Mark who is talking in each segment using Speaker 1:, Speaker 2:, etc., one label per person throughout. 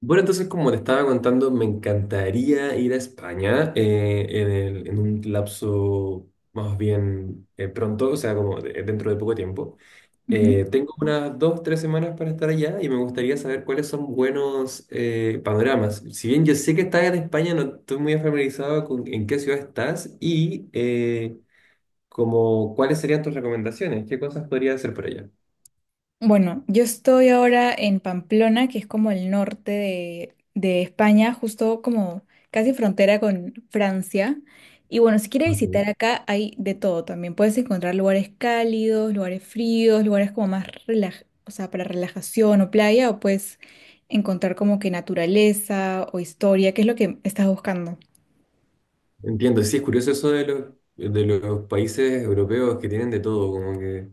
Speaker 1: Bueno, entonces, como te estaba contando, me encantaría ir a España en en un lapso más bien pronto, o sea, como dentro de poco tiempo.
Speaker 2: Ujú.
Speaker 1: Tengo unas dos, tres semanas para estar allá y me gustaría saber cuáles son buenos panoramas. Si bien yo sé que estás en España, no estoy muy familiarizado con en qué ciudad estás y como cuáles serían tus recomendaciones, qué cosas podría hacer por allá.
Speaker 2: Bueno, yo estoy ahora en Pamplona, que es como el norte de España, justo como casi frontera con Francia. Y bueno, si quieres
Speaker 1: Ok.
Speaker 2: visitar acá hay de todo también. Puedes encontrar lugares cálidos, lugares fríos, lugares como más o sea, para relajación o playa, o puedes encontrar como que naturaleza o historia, que es lo que estás buscando.
Speaker 1: Entiendo, sí, es curioso eso de de los países europeos que tienen de todo, como que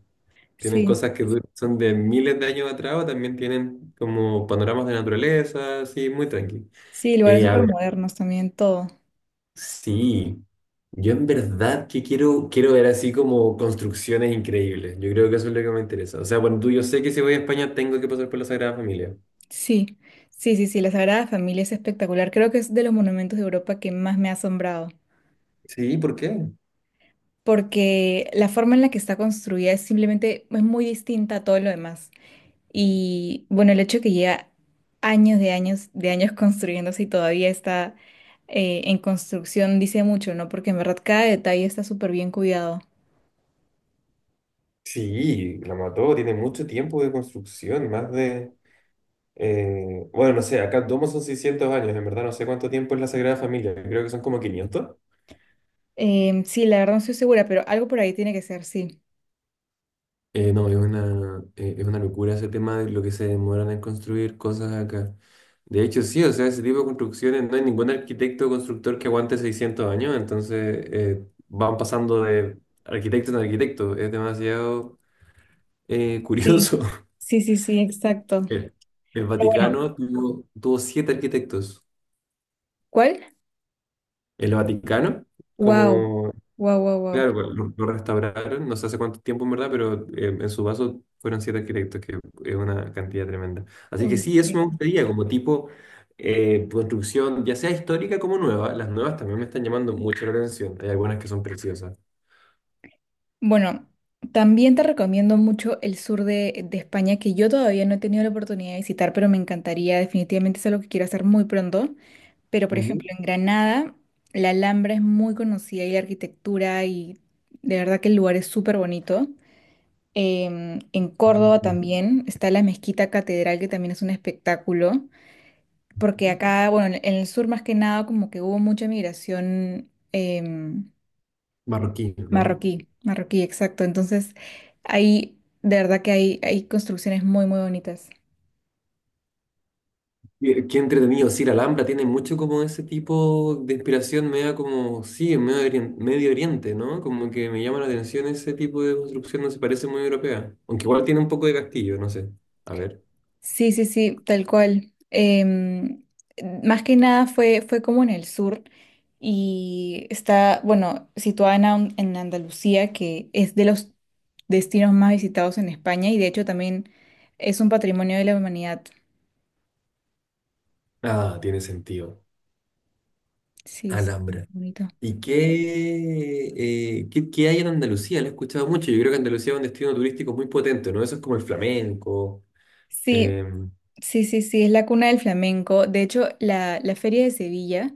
Speaker 1: tienen
Speaker 2: Sí,
Speaker 1: cosas que son de miles de años atrás, o también tienen como panoramas de naturaleza, así, muy tranqui.
Speaker 2: sí, lugares
Speaker 1: A
Speaker 2: súper
Speaker 1: ver,
Speaker 2: modernos también, todo.
Speaker 1: sí, yo en verdad que quiero ver así como construcciones increíbles, yo creo que eso es lo que me interesa. O sea, bueno, tú, yo sé que si voy a España tengo que pasar por la Sagrada Familia.
Speaker 2: Sí, sí, sí, sí, la Sagrada Familia es espectacular. Creo que es de los monumentos de Europa que más me ha asombrado,
Speaker 1: Sí, ¿por qué?
Speaker 2: porque la forma en la que está construida es simplemente es muy distinta a todo lo demás. Y bueno, el hecho de que lleva años de años de años construyéndose y todavía está en construcción dice mucho, ¿no? Porque en verdad cada detalle está súper bien cuidado.
Speaker 1: Sí, la mató, tiene mucho tiempo de construcción, más de... Bueno, no sé, acá en Domo son 600 años, en verdad no sé cuánto tiempo es la Sagrada Familia, creo que son como 500.
Speaker 2: Sí, la verdad no estoy segura, pero algo por ahí tiene que ser, sí.
Speaker 1: No, es una locura ese tema de lo que se demoran en construir cosas acá. De hecho, sí, o sea, ese tipo de construcciones, no hay ningún arquitecto o constructor que aguante 600 años, entonces van pasando de arquitecto en arquitecto, es demasiado
Speaker 2: Sí,
Speaker 1: curioso.
Speaker 2: sí, sí, sí, exacto.
Speaker 1: El, el
Speaker 2: Pero bueno,
Speaker 1: Vaticano tuvo siete arquitectos.
Speaker 2: ¿cuál?
Speaker 1: El Vaticano,
Speaker 2: Wow,
Speaker 1: como
Speaker 2: wow, wow, wow.
Speaker 1: claro, pues, lo restauraron, no sé hace cuánto tiempo en verdad, pero en su vaso fueron siete arquitectos, que es una cantidad tremenda. Así que
Speaker 2: Uy,
Speaker 1: sí,
Speaker 2: sí.
Speaker 1: eso me gustaría, como tipo construcción, ya sea histórica como nueva. Las nuevas también me están llamando mucho la atención. Hay algunas que son preciosas.
Speaker 2: Bueno, también te recomiendo mucho el sur de España, que yo todavía no he tenido la oportunidad de visitar, pero me encantaría, definitivamente es algo que quiero hacer muy pronto. Pero, por
Speaker 1: Ujú.
Speaker 2: ejemplo, en Granada, la Alhambra es muy conocida y la arquitectura y de verdad que el lugar es súper bonito. En Córdoba
Speaker 1: Ujú.
Speaker 2: también está la Mezquita Catedral, que también es un espectáculo, porque acá, bueno, en el sur más que nada, como que hubo mucha migración.
Speaker 1: Marroquí, ¿no?
Speaker 2: Marroquí, marroquí, exacto. Entonces, ahí, de verdad que hay construcciones muy, muy bonitas.
Speaker 1: Qué, qué entretenido, sí, la Alhambra tiene mucho como ese tipo de inspiración media como, sí, en medio, Medio Oriente, ¿no? Como que me llama la atención ese tipo de construcción, no se parece muy europea. Aunque igual tiene un poco de castillo, no sé. A ver.
Speaker 2: Sí, sí, sí, tal cual. Más que nada fue como en el sur y está, bueno, situada en Andalucía, que es de los destinos más visitados en España y de hecho también es un patrimonio de la humanidad.
Speaker 1: Ah, tiene sentido.
Speaker 2: Sí, sí,
Speaker 1: Alhambra.
Speaker 2: bonito.
Speaker 1: ¿Y qué, qué, qué hay en Andalucía? Lo he escuchado mucho. Yo creo que Andalucía es un destino turístico muy potente, ¿no? Eso es como el flamenco.
Speaker 2: Sí,
Speaker 1: Eh,
Speaker 2: sí, sí, sí, es la cuna del flamenco. De hecho, la Feria de Sevilla.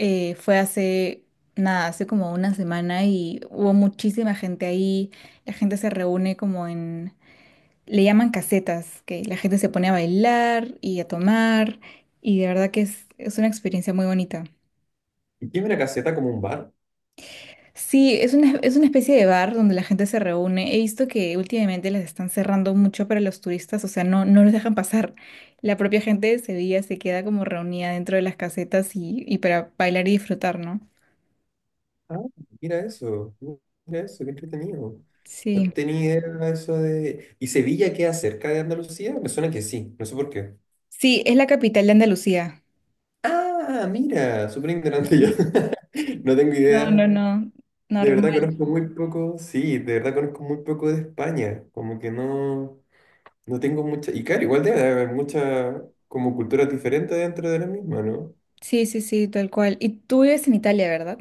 Speaker 2: Fue hace, nada, hace como una semana y hubo muchísima gente ahí. La gente se reúne como en, le llaman casetas, que la gente se pone a bailar y a tomar y de verdad que es una experiencia muy bonita.
Speaker 1: ¿Y qué es una caseta como un bar?
Speaker 2: Sí, es una especie de bar donde la gente se reúne. He visto que últimamente les están cerrando mucho para los turistas, o sea, no, no los dejan pasar. La propia gente de Sevilla se queda como reunida dentro de las casetas y para bailar y disfrutar, ¿no?
Speaker 1: Ah, mira eso, mira eso, qué entretenido. No
Speaker 2: Sí.
Speaker 1: tenía idea de eso de... ¿Y Sevilla queda cerca de Andalucía? Me suena que sí, no sé por qué.
Speaker 2: Sí, es la capital de Andalucía.
Speaker 1: Ah, mira, súper ignorante yo.
Speaker 2: Sí.
Speaker 1: No tengo
Speaker 2: No, no,
Speaker 1: idea.
Speaker 2: no,
Speaker 1: De verdad
Speaker 2: normal.
Speaker 1: conozco muy poco, sí, de verdad conozco muy poco de España. Como que no, no tengo mucha... Y claro, igual debe haber mucha como culturas diferentes dentro de la misma, ¿no?
Speaker 2: Sí, sí, sí, tal cual. Y tú vives en Italia, ¿verdad?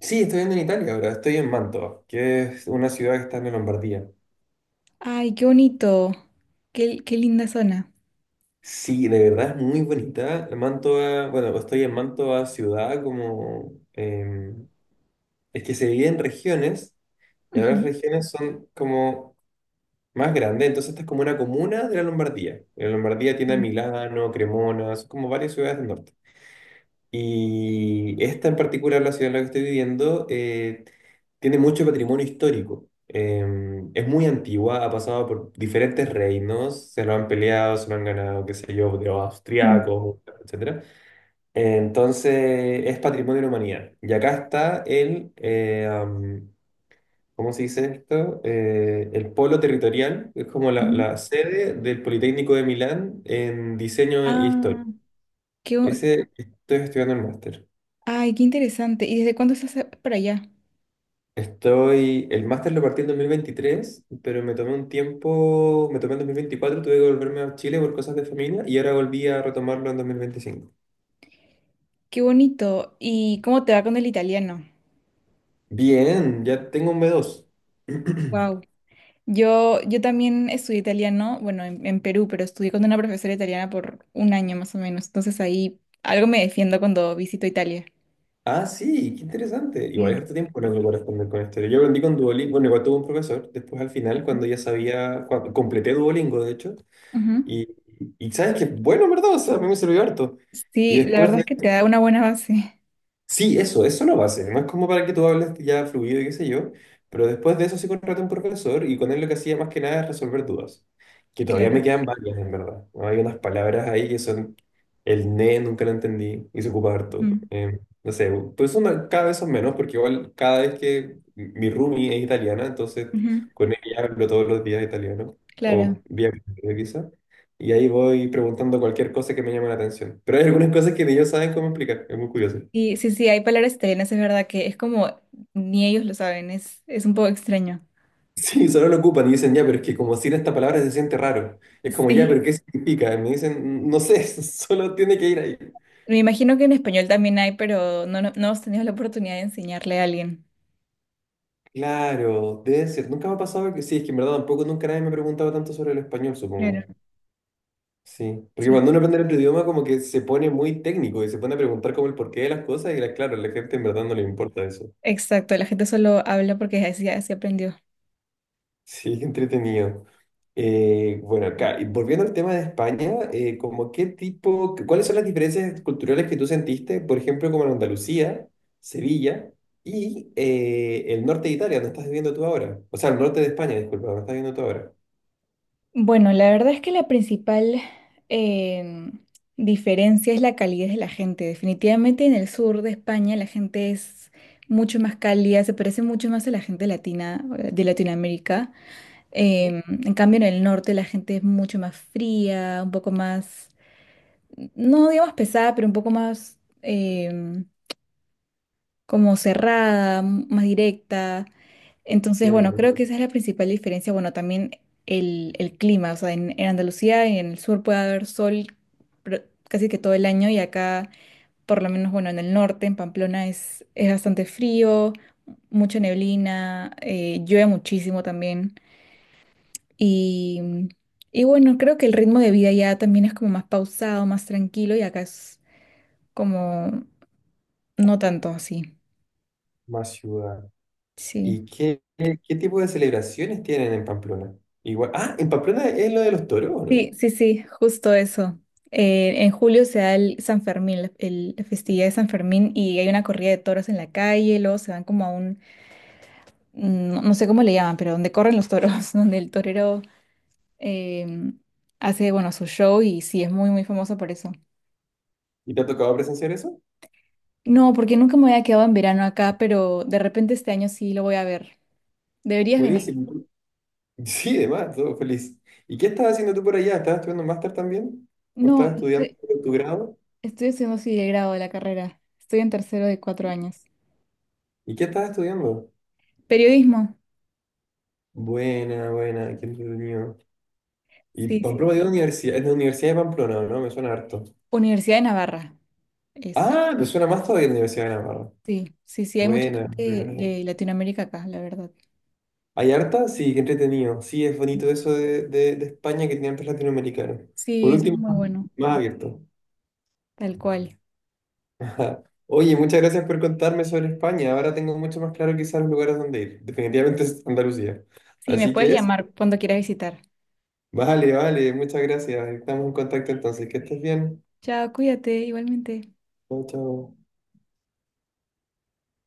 Speaker 1: Sí, estoy viendo en Italia ahora, estoy en Mantova, que es una ciudad que está en la Lombardía.
Speaker 2: Ay, qué bonito. Qué linda zona.
Speaker 1: Sí, de verdad es muy bonita. Mantova, bueno, estoy en Mantova ciudad, como es que se divide en regiones, y ahora las
Speaker 2: Ujú,
Speaker 1: regiones son como más grandes, entonces esta es como una comuna de la Lombardía. La Lombardía tiene a Milano, Cremona, son como varias ciudades del norte. Y esta en particular, la ciudad en la que estoy viviendo, tiene mucho patrimonio histórico. Es muy antigua, ha pasado por diferentes reinos, se lo han peleado, se lo han ganado, qué sé yo, de los
Speaker 2: ujú,
Speaker 1: austriacos, etcétera. Entonces, es patrimonio de la humanidad. Y acá está el, ¿cómo se dice esto? El polo territorial, es como la
Speaker 2: ujú.
Speaker 1: sede del Politécnico de Milán en diseño e historia.
Speaker 2: Ah, qué, bo-
Speaker 1: Ese estoy estudiando el máster.
Speaker 2: ay, qué interesante. ¿Y desde cuándo estás para allá?
Speaker 1: Estoy, el máster lo partí en 2023 pero me tomé un tiempo, me tomé en 2024 tuve que volverme a Chile por cosas de familia y ahora volví a retomarlo en 2025.
Speaker 2: Qué bonito. ¿Y cómo te va con el italiano?
Speaker 1: Bien, ya tengo un B2.
Speaker 2: Wow. Yo también estudié italiano, bueno, en Perú, pero estudié con una profesora italiana por un año más o menos. Entonces ahí algo me defiendo cuando visito Italia.
Speaker 1: Ah, sí, qué interesante. Igual es harto tiempo lo que puedo responder con esto. Yo aprendí con Duolingo, bueno, igual tuve un profesor, después al final, cuando
Speaker 2: Ujú.
Speaker 1: ya sabía, cuando completé Duolingo, de hecho, y, y sabes que, bueno, en ¿verdad? O sea, a mí me sirvió harto. Y
Speaker 2: Sí, la
Speaker 1: después
Speaker 2: verdad es que te da una buena base.
Speaker 1: sí, eso lo va a base, más como para que tú hables ya fluido y qué sé yo, pero después de eso sí contraté a un profesor y con él lo que hacía más que nada es resolver dudas, que todavía
Speaker 2: Claro.
Speaker 1: me quedan varias en verdad. Hay unas palabras ahí que son el ne, nunca lo entendí y se ocupa harto.
Speaker 2: Ujú.
Speaker 1: No sé, pues son cada vez son menos porque igual cada vez que mi roomie es italiana, entonces
Speaker 2: Ujú.
Speaker 1: con ella hablo todos los días italiano
Speaker 2: Claro.
Speaker 1: o vía video quizá. Y ahí voy preguntando cualquier cosa que me llame la atención. Pero hay algunas cosas que ni ellos saben cómo explicar. Es muy curioso.
Speaker 2: Y sí, sí, hay palabras italianas, es verdad que es como ni ellos lo saben, es un poco extraño.
Speaker 1: Sí, solo lo ocupan y dicen, ya, pero es que como sin esta palabra se siente raro. Es como, ya, pero
Speaker 2: Sí.
Speaker 1: ¿qué significa? Y me dicen, no sé, solo tiene que ir ahí.
Speaker 2: Me imagino que en español también hay, pero no, no, no hemos tenido la oportunidad de enseñarle a alguien.
Speaker 1: Claro, debe ser. Nunca me ha pasado que sí, es que en verdad tampoco nunca nadie me ha preguntado tanto sobre el español,
Speaker 2: Claro,
Speaker 1: supongo. Sí, porque
Speaker 2: sí.
Speaker 1: cuando uno aprende otro idioma como que se pone muy técnico y se pone a preguntar como el porqué de las cosas y claro, a la gente en verdad no le importa eso.
Speaker 2: Exacto, la gente solo habla porque así, así aprendió.
Speaker 1: Sí, qué entretenido. Bueno, acá, y volviendo al tema de España, como qué tipo, ¿cuáles son las diferencias culturales que tú sentiste, por ejemplo, como en Andalucía, Sevilla y el norte de Italia, donde estás viviendo tú ahora? O sea, el norte de España, disculpa, donde estás viviendo tú ahora.
Speaker 2: Bueno, la verdad es que la principal em, diferencia es la calidez de la gente. Definitivamente en el sur de España la gente es mucho más cálida, se parece mucho más a la gente latina, de Latinoamérica. En cambio en el norte la gente es mucho más fría, un poco más, no digamos pesada, pero un poco más como cerrada, más directa. Entonces, bueno,
Speaker 1: Entiendo,
Speaker 2: creo que esa es la principal diferencia. Bueno, también el clima, o sea, en Andalucía y en el sur puede haber sol pero casi que todo el año y acá, por lo menos, bueno, en el norte, en Pamplona, es bastante frío, mucha neblina, llueve muchísimo también. Y, y bueno, creo que el ritmo de vida ya también es como más pausado, más tranquilo y acá es como no tanto así.
Speaker 1: más ciudad.
Speaker 2: Sí.
Speaker 1: ¿Y qué, qué, qué tipo de celebraciones tienen en Pamplona? Igual, ah, ¿en Pamplona es lo de los toros o no?
Speaker 2: Sí, sí, sí, justo eso. En julio se da el San Fermín, la festividad de San Fermín, y hay una corrida de toros en la calle, luego se van como a un, no, no sé cómo le llaman, pero donde corren los toros, donde el torero em, hace, bueno, su show y sí, es muy, muy famoso por eso.
Speaker 1: ¿Y te ha tocado presenciar eso?
Speaker 2: No, porque nunca me había quedado en verano acá, pero de repente este año sí lo voy a ver. Deberías venir.
Speaker 1: Buenísimo. Sí, además, todo feliz. ¿Y qué estabas haciendo tú por allá? ¿Estabas estudiando un máster también? ¿O
Speaker 2: No,
Speaker 1: estabas estudiando
Speaker 2: estoy,
Speaker 1: tu grado?
Speaker 2: estoy estudiando sí el grado de la carrera. Estoy en tercero de 4 años.
Speaker 1: ¿Y qué estabas estudiando?
Speaker 2: Periodismo.
Speaker 1: Buena, buena, qué entretenido. Y
Speaker 2: Sí, sí,
Speaker 1: Pamplona
Speaker 2: sí.
Speaker 1: dio la universidad, es de la Universidad de Pamplona, ¿no? Me suena harto.
Speaker 2: Universidad de Navarra es.
Speaker 1: Ah, me suena más todavía la Universidad de Navarra.
Speaker 2: Sí, sí, sí, hay mucha
Speaker 1: Buena,
Speaker 2: gente
Speaker 1: buena.
Speaker 2: de Latinoamérica acá, la verdad.
Speaker 1: ¿Hay harta? Sí, qué entretenido. Sí, es bonito eso de España que tiene antes latinoamericanos.
Speaker 2: Sí,
Speaker 1: Por
Speaker 2: eso es
Speaker 1: último,
Speaker 2: muy bueno,
Speaker 1: más abierto.
Speaker 2: tal cual.
Speaker 1: Ajá. Oye, muchas gracias por contarme sobre España. Ahora tengo mucho más claro quizás los lugares donde ir. Definitivamente es Andalucía.
Speaker 2: Sí, me
Speaker 1: Así
Speaker 2: puedes
Speaker 1: que eso.
Speaker 2: llamar cuando quieras visitar.
Speaker 1: Vale, vale, muchas gracias. Estamos en contacto entonces. Que estés bien.
Speaker 2: Chao, cuídate, igualmente.
Speaker 1: Chao, chao.